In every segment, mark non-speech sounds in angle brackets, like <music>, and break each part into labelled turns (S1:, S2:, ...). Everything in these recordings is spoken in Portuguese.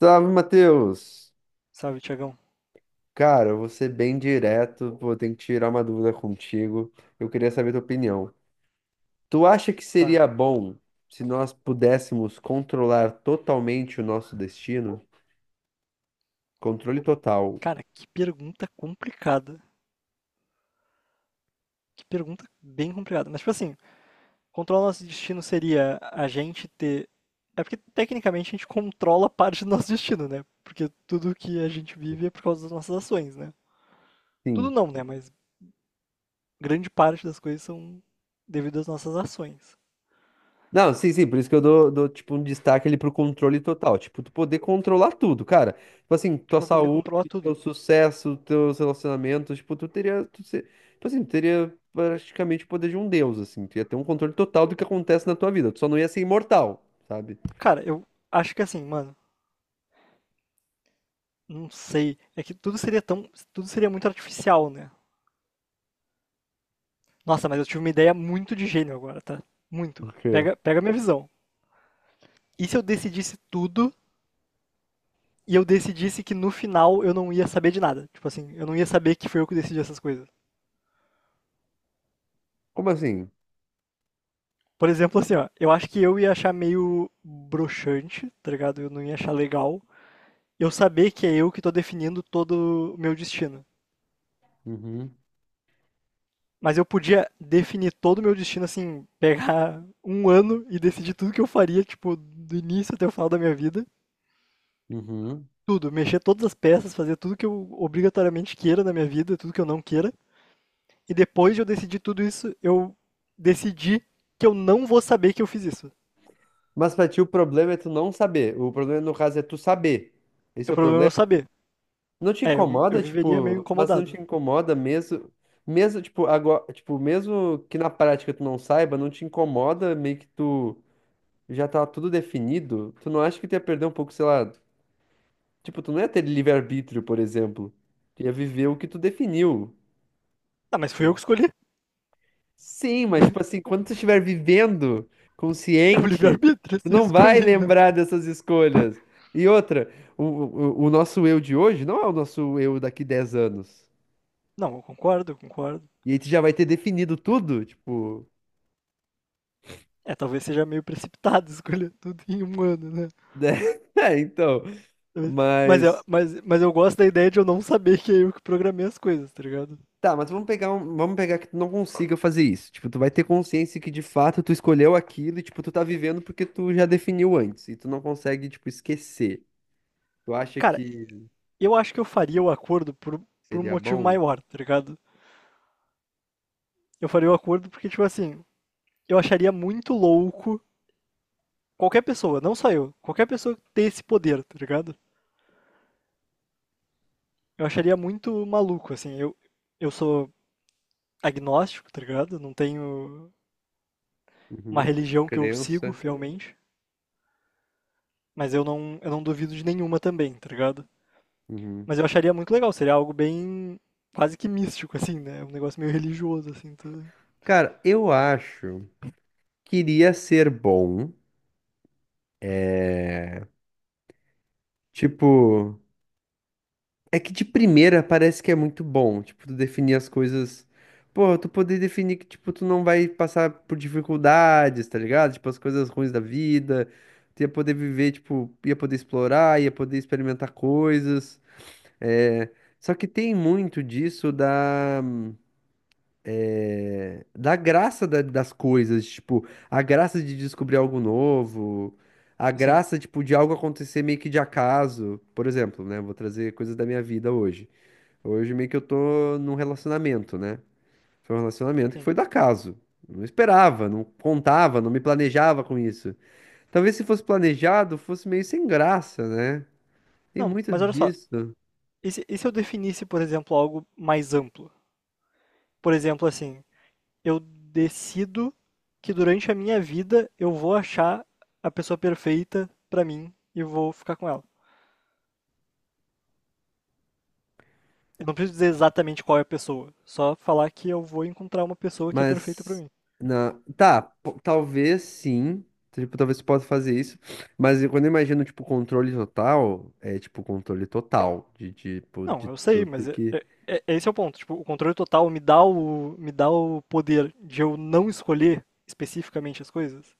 S1: Salve, Matheus!
S2: Salve, Tiagão.
S1: Cara, eu vou ser bem direto, vou ter que tirar uma dúvida contigo. Eu queria saber tua opinião. Tu acha que
S2: Tá.
S1: seria bom se nós pudéssemos controlar totalmente o nosso destino? Controle total.
S2: Cara, que pergunta complicada. Que pergunta bem complicada. Mas, tipo assim, controlar nosso destino seria a gente ter. É porque, tecnicamente, a gente controla parte do nosso destino, né? Porque tudo que a gente vive é por causa das nossas ações, né? Tudo
S1: Sim.
S2: não, né? Mas grande parte das coisas são devido às nossas ações.
S1: Não, sim, sim, por isso que eu dou, tipo, um destaque ali pro controle total. Tipo, tu poder controlar tudo, cara. Tipo assim,
S2: Tipo,
S1: tua
S2: pra poder controlar
S1: saúde, teu
S2: tudo.
S1: sucesso, teus relacionamentos, tipo, tu teria, tu ser, tipo assim, tu teria praticamente o poder de um deus, assim. Tu ia ter um controle total do que acontece na tua vida. Tu só não ia ser imortal, sabe?
S2: Cara, eu acho que assim, mano, não sei. É que tudo seria tão. Tudo seria muito artificial, né? Nossa, mas eu tive uma ideia muito de gênio agora, tá? Muito.
S1: Por quê?
S2: Pega minha visão. E se eu decidisse tudo e eu decidisse que no final eu não ia saber de nada? Tipo assim, eu não ia saber que foi eu que decidi essas coisas.
S1: Como assim?
S2: Por exemplo, assim, ó, eu acho que eu ia achar meio broxante, tá ligado? Eu não ia achar legal. Eu saber que é eu que tô definindo todo o meu destino.
S1: Uhum,
S2: Mas eu podia definir todo o meu destino, assim, pegar <laughs> um ano e decidir tudo que eu faria, tipo, do início até o final da minha vida.
S1: uhum.
S2: Tudo, mexer todas as peças, fazer tudo que eu obrigatoriamente queira na minha vida, tudo que eu não queira. E depois de eu decidir tudo isso, eu decidi que eu não vou saber que eu fiz isso.
S1: Mas pra ti o problema é tu não saber. O problema, no caso, é tu saber. Esse
S2: O
S1: é o
S2: problema é
S1: problema?
S2: eu saber.
S1: Não te
S2: É, eu
S1: incomoda,
S2: viveria meio
S1: tipo, mas não
S2: incomodado.
S1: te incomoda mesmo, mesmo, tipo, agora, tipo, mesmo que na prática tu não saiba, não te incomoda meio que tu já tá tudo definido, tu não acha que tu ia perder um pouco, sei lá, tipo, tu não ia ter livre-arbítrio, por exemplo, tu ia viver o que tu definiu.
S2: Ah, mas fui eu que escolhi. <laughs>
S1: Sim, mas, tipo assim, quando tu estiver vivendo,
S2: É o
S1: consciente,
S2: livre-arbítrio,
S1: tu
S2: se eu
S1: não vai
S2: escolhi, não.
S1: lembrar dessas escolhas. E outra, o nosso eu de hoje não é o nosso eu daqui 10 anos.
S2: Não, eu concordo.
S1: E aí tu já vai ter definido tudo, tipo,
S2: É, talvez seja meio precipitado <laughs> escolher tudo em um ano, né?
S1: né? <laughs> É, então,
S2: Talvez- Mas eu,
S1: mas
S2: mas eu gosto da ideia de eu não saber que é eu que programei as coisas, tá ligado?
S1: tá, mas vamos pegar que tu não consiga fazer isso. Tipo, tu vai ter consciência que de fato tu escolheu aquilo e tipo, tu tá vivendo porque tu já definiu antes e tu não consegue, tipo, esquecer. Tu acha
S2: Cara,
S1: que
S2: eu acho que eu faria o acordo por um
S1: seria
S2: motivo
S1: bom?
S2: maior, tá ligado? Eu faria o acordo porque, tipo assim, eu acharia muito louco qualquer pessoa, não só eu, qualquer pessoa ter esse poder, tá ligado? Eu acharia muito maluco, assim. Eu sou agnóstico, tá ligado? Não tenho uma
S1: Uhum.
S2: religião que eu sigo
S1: Crença.
S2: fielmente, mas eu não duvido de nenhuma também, tá ligado?
S1: Uhum.
S2: Mas eu acharia muito legal, seria algo bem quase que místico, assim, né? Um negócio meio religioso, assim, tá?
S1: Cara, eu acho que iria ser bom, tipo, é que de primeira parece que é muito bom, tipo, tu definir as coisas. Pô, tu poder definir que, tipo, tu não vai passar por dificuldades, tá ligado? Tipo, as coisas ruins da vida. Tu ia poder viver, tipo, ia poder explorar, ia poder experimentar coisas. É... só que tem muito disso da, da graça da- das coisas, tipo, a graça de descobrir algo novo, a
S2: Sim,
S1: graça, tipo, de algo acontecer meio que de acaso. Por exemplo, né? Vou trazer coisas da minha vida hoje. Hoje meio que eu tô num relacionamento, né? Foi um relacionamento que
S2: sim.
S1: foi do acaso. Eu não esperava, não contava, não me planejava com isso. Talvez se fosse planejado, fosse meio sem graça, né? Tem
S2: Não,
S1: muito
S2: mas olha só,
S1: disso.
S2: e se eu definisse, por exemplo, algo mais amplo? Por exemplo, assim, eu decido que durante a minha vida eu vou achar a pessoa perfeita pra mim e vou ficar com ela. Eu não preciso dizer exatamente qual é a pessoa, só falar que eu vou encontrar uma pessoa que é perfeita pra
S1: Mas
S2: mim.
S1: na tá, po- talvez sim. Tipo, talvez você possa fazer isso, mas eu- quando eu imagino, tipo, controle total, é tipo controle total de tipo
S2: Não,
S1: de
S2: eu sei,
S1: tudo
S2: mas é-
S1: que
S2: é- é- é esse é o ponto. Tipo, o controle total me dá me dá o poder de eu não escolher especificamente as coisas.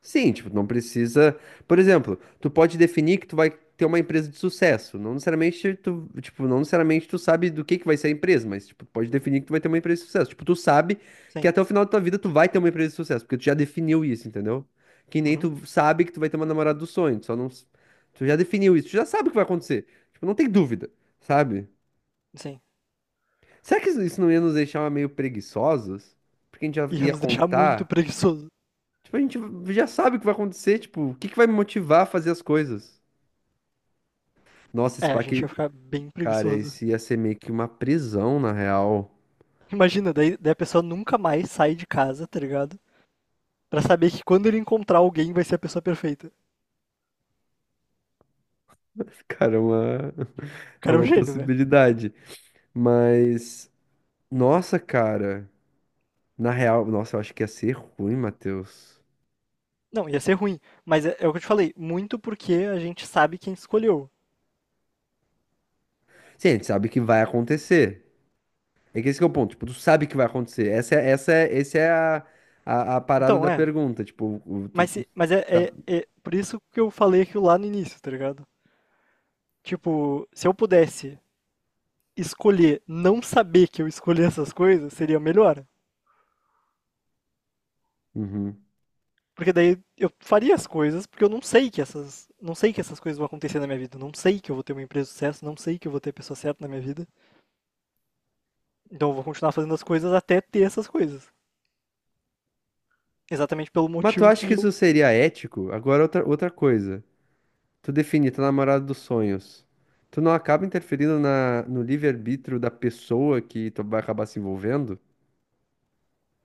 S1: sim, tipo, não precisa. Por exemplo, tu pode definir que tu vai ter uma empresa de sucesso. Não necessariamente tu, tipo, não necessariamente tu sabe do que vai ser a empresa, mas tipo, tu pode definir que tu vai ter uma empresa de sucesso. Tipo, tu sabe que
S2: Sim.
S1: até o final da tua vida tu vai ter uma empresa de sucesso, porque tu já definiu isso, entendeu? Que nem
S2: Uhum.
S1: tu sabe que tu vai ter uma namorada do sonho, tu só não s- tu já definiu isso, tu já sabe o que vai acontecer. Tipo, não tem dúvida, sabe?
S2: Sim.
S1: Será que isso não ia nos deixar meio preguiçosos? Porque a gente já
S2: Ia
S1: ia
S2: nos deixar muito
S1: contar.
S2: preguiçoso.
S1: Tipo, a gente já sabe o que vai acontecer, tipo, o que que vai me motivar a fazer as coisas? Nossa, esse
S2: É, a gente
S1: parque,
S2: ia ficar bem
S1: cara,
S2: preguiçoso.
S1: esse ia ser meio que uma prisão, na real.
S2: Imagina, daí a pessoa nunca mais sai de casa, tá ligado? Pra saber que quando ele encontrar alguém vai ser a pessoa perfeita.
S1: <laughs> Cara, é uma,
S2: O
S1: <laughs> é
S2: cara é um
S1: uma
S2: gênio, né?
S1: possibilidade. Mas, nossa, cara, na real, nossa, eu acho que ia ser ruim, Matheus.
S2: Não, ia ser ruim. Mas é, é o que eu te falei, muito porque a gente sabe quem escolheu.
S1: Sim, a gente sabe que vai acontecer. É que esse que é o ponto, tipo, tu sabe que vai acontecer. Essa é a, a parada
S2: Então,
S1: da
S2: é.
S1: pergunta, tipo, o- tu,
S2: Mas,
S1: tu
S2: se- mas é,
S1: tá-
S2: é por isso que eu falei aquilo lá no início, tá ligado? Tipo, se eu pudesse escolher não saber que eu escolhi essas coisas, seria melhor.
S1: Uhum.
S2: Porque daí eu faria as coisas, porque eu não sei que essas, não sei que essas coisas vão acontecer na minha vida, não sei que eu vou ter uma empresa de sucesso, não sei que eu vou ter a pessoa certa na minha vida. Então eu vou continuar fazendo as coisas até ter essas coisas. Exatamente pelo
S1: Mas tu
S2: motivo
S1: acha
S2: que
S1: que
S2: eu.
S1: isso seria ético? Agora outra, outra coisa. Tu define tua namorada dos sonhos. Tu não acaba interferindo na, no livre-arbítrio da pessoa que tu vai acabar se envolvendo?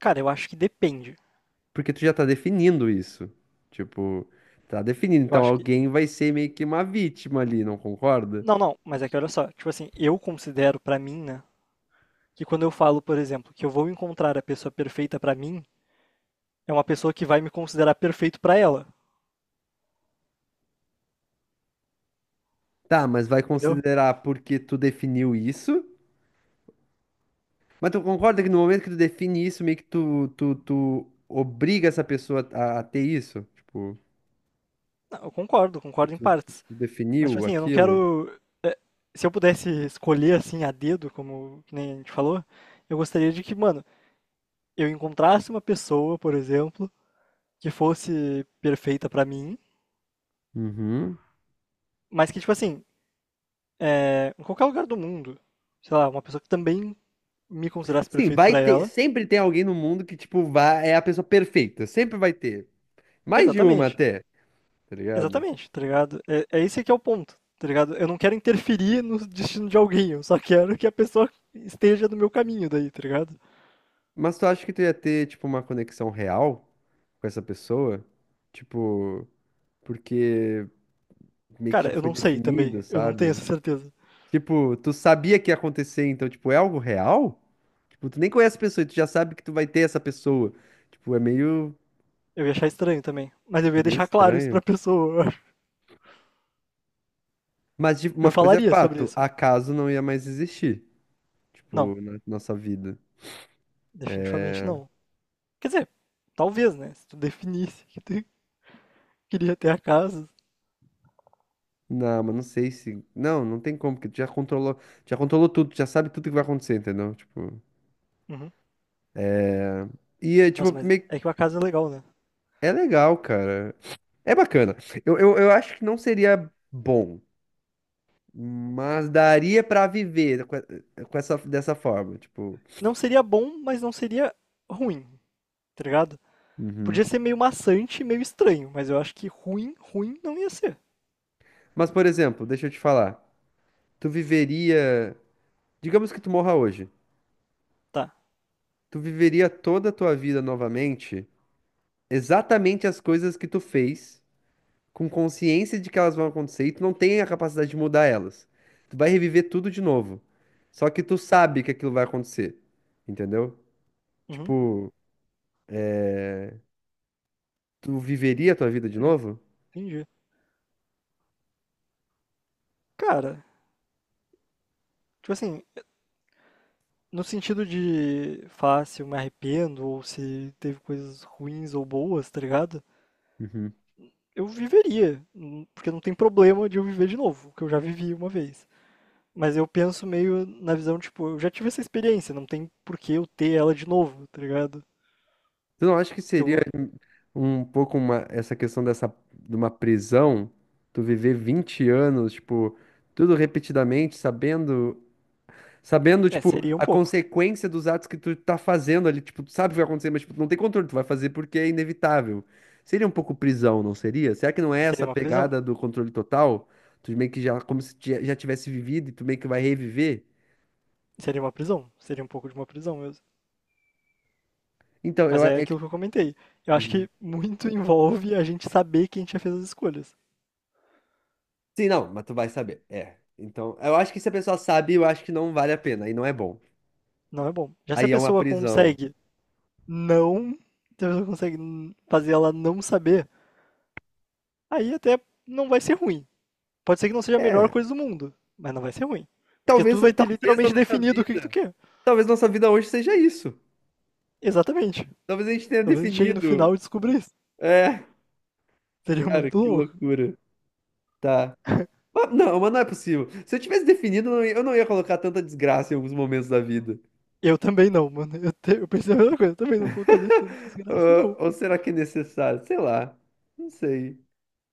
S2: Cara, eu acho que depende.
S1: Porque tu já tá definindo isso. Tipo, tá definindo.
S2: Eu
S1: Então
S2: acho que.
S1: alguém vai ser meio que uma vítima ali, não concorda?
S2: Não, não, mas é que olha só, tipo assim, eu considero pra mim, né, que quando eu falo, por exemplo, que eu vou encontrar a pessoa perfeita pra mim, é uma pessoa que vai me considerar perfeito pra ela,
S1: Tá, mas vai
S2: entendeu?
S1: considerar porque tu definiu isso? Mas tu concorda que no momento que tu define isso, meio que tu obriga essa pessoa a ter isso? Tipo,
S2: Não,
S1: que
S2: concordo em
S1: tu,
S2: partes.
S1: tu
S2: Mas, tipo
S1: definiu
S2: assim, eu não
S1: aquilo?
S2: quero. é, Se eu pudesse escolher, assim, a dedo, como que nem a gente falou, eu gostaria de que, mano, eu encontrasse uma pessoa, por exemplo, que fosse perfeita pra mim,
S1: Uhum.
S2: mas que, tipo assim, em qualquer lugar do mundo, sei lá, uma pessoa que também me considerasse
S1: Sim,
S2: perfeito
S1: vai
S2: pra
S1: ter.
S2: ela.
S1: Sempre tem alguém no mundo que, tipo, vai, é a pessoa perfeita. Sempre vai ter. Mais de uma
S2: Exatamente,
S1: até, tá ligado?
S2: exatamente, tá ligado? É, é esse que é o ponto, tá ligado? Eu não quero interferir no destino de alguém, eu só quero que a pessoa esteja no meu caminho daí, tá ligado?
S1: Mas tu acha que tu ia ter, tipo, uma conexão real com essa pessoa? Tipo, porque meio que
S2: Cara,
S1: já
S2: eu
S1: foi
S2: não sei também,
S1: definido,
S2: eu não tenho essa
S1: sabe?
S2: certeza.
S1: Tipo, tu sabia que ia acontecer, então, tipo, é algo real? Tipo, tu nem conhece a pessoa e tu já sabe que tu vai ter essa pessoa. Tipo,
S2: Eu ia achar estranho também, mas eu
S1: é
S2: ia
S1: meio
S2: deixar claro isso pra
S1: estranho.
S2: pessoa, eu
S1: Mas de- uma coisa é
S2: falaria sobre
S1: fato,
S2: isso.
S1: acaso não ia mais existir,
S2: Não,
S1: tipo, na nossa vida.
S2: definitivamente não. Quer dizer, talvez, né? Se tu definisse que tu queria ter a casa.
S1: Não, mas não sei se. Não, não tem como, porque tu já controlou tudo, tu já sabe tudo que vai acontecer, entendeu? Tipo.
S2: Uhum.
S1: É, e é
S2: Nossa,
S1: tipo,
S2: mas
S1: meio... que-
S2: é que a casa é legal, né?
S1: é legal, cara. É bacana. Eu acho que não seria bom, mas daria pra viver com, e- com essa, dessa forma, tipo.
S2: Não seria bom, mas não seria ruim, tá ligado?
S1: Uhum.
S2: Podia ser meio maçante, meio estranho, mas eu acho que ruim não ia ser.
S1: Mas, por exemplo, deixa eu te falar. Tu viveria. Digamos que tu morra hoje.
S2: Tá.
S1: Tu viveria toda a tua vida novamente, exatamente as coisas que tu fez, com consciência de que elas vão acontecer e tu não tem a capacidade de mudar elas. Tu vai reviver tudo de novo. Só que tu sabe que aquilo vai acontecer. Entendeu?
S2: Uhum,
S1: Tipo, tu viveria a tua vida de
S2: eu
S1: novo?
S2: entendi. Cara, tipo assim, no sentido de fácil, me arrependo, ou se teve coisas ruins ou boas, tá ligado?
S1: Uhum.
S2: Eu viveria, porque não tem problema de eu viver de novo, que eu já vivi uma vez. Mas eu penso meio na visão, tipo, eu já tive essa experiência, não tem por que eu ter ela de novo, tá ligado?
S1: Tu não acha que seria
S2: Eu,
S1: um pouco uma, essa questão dessa, de uma prisão? Tu viver 20 anos, tipo, tudo repetidamente, sabendo. Sabendo,
S2: é,
S1: tipo,
S2: seria um
S1: a
S2: pouco.
S1: consequência dos atos que tu tá fazendo ali, tipo, tu sabe o que vai acontecer, mas tipo, tu não tem controle, tu vai fazer porque é inevitável. Seria um pouco prisão, não seria? Será que não é essa
S2: Seria uma prisão.
S1: pegada do controle total? Tu meio que já, como se ti- já tivesse vivido e tu meio que vai reviver?
S2: Seria uma prisão, seria um pouco de uma prisão mesmo.
S1: Então,
S2: Mas
S1: eu... a-
S2: é
S1: É... que-
S2: aquilo que eu comentei. Eu acho
S1: Uhum.
S2: que muito <laughs> envolve a gente saber quem já fez as escolhas.
S1: Sim, não, mas tu vai saber, é. Então, eu acho que se a pessoa sabe, eu acho que não vale a pena, aí não é bom.
S2: Não é bom. Já se a
S1: Aí é uma
S2: pessoa
S1: prisão.
S2: consegue não, se a pessoa consegue fazer ela não saber, aí até não vai ser ruim. Pode ser que não seja a melhor
S1: É,
S2: coisa do mundo, mas não vai ser ruim. Porque
S1: talvez,
S2: tu vai ter
S1: talvez a
S2: literalmente
S1: nossa
S2: definido o que que tu
S1: vida,
S2: quer.
S1: talvez nossa vida hoje seja isso.
S2: Exatamente.
S1: Talvez a gente tenha
S2: Talvez a gente chegue no
S1: definido,
S2: final e descubra isso.
S1: é...
S2: Seria
S1: Cara,
S2: muito
S1: que
S2: louco.
S1: loucura. Tá. Mas não é possível. Se eu tivesse definido, eu não ia colocar tanta desgraça em alguns momentos da vida.
S2: Eu também não, mano. Eu pensei a mesma coisa. Eu também não colocaria tanta
S1: <laughs>
S2: desgraça,
S1: Ah,
S2: não.
S1: ou será que é necessário? Sei lá. Não sei.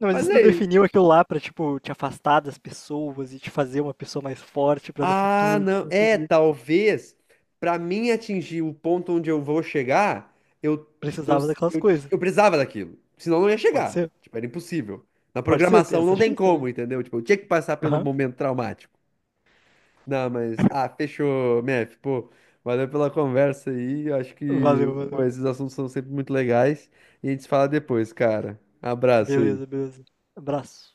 S2: Não, mas
S1: Mas
S2: isso
S1: é
S2: tu
S1: isso.
S2: definiu aquilo lá pra, tipo, te afastar das pessoas e te fazer uma pessoa mais forte pra no
S1: Ah,
S2: futuro tu
S1: não. É,
S2: conseguir.
S1: talvez pra mim atingir o ponto onde eu vou chegar, eu, eu,
S2: Precisava daquelas coisas.
S1: eu precisava daquilo. Senão eu não ia
S2: Pode
S1: chegar.
S2: ser?
S1: Tipo, era impossível. Na
S2: Pode ser, tem
S1: programação não
S2: essa
S1: tem
S2: chance também.
S1: como, entendeu? Tipo, eu tinha que passar pelo
S2: Aham.
S1: momento traumático. Não, mas. Ah, fechou, Mef. Pô, valeu pela conversa aí. Eu acho
S2: Valeu,
S1: que, pô,
S2: valeu.
S1: esses assuntos são sempre muito legais. E a gente se fala depois, cara. Abraço aí.
S2: Beleza, beleza. Abraço.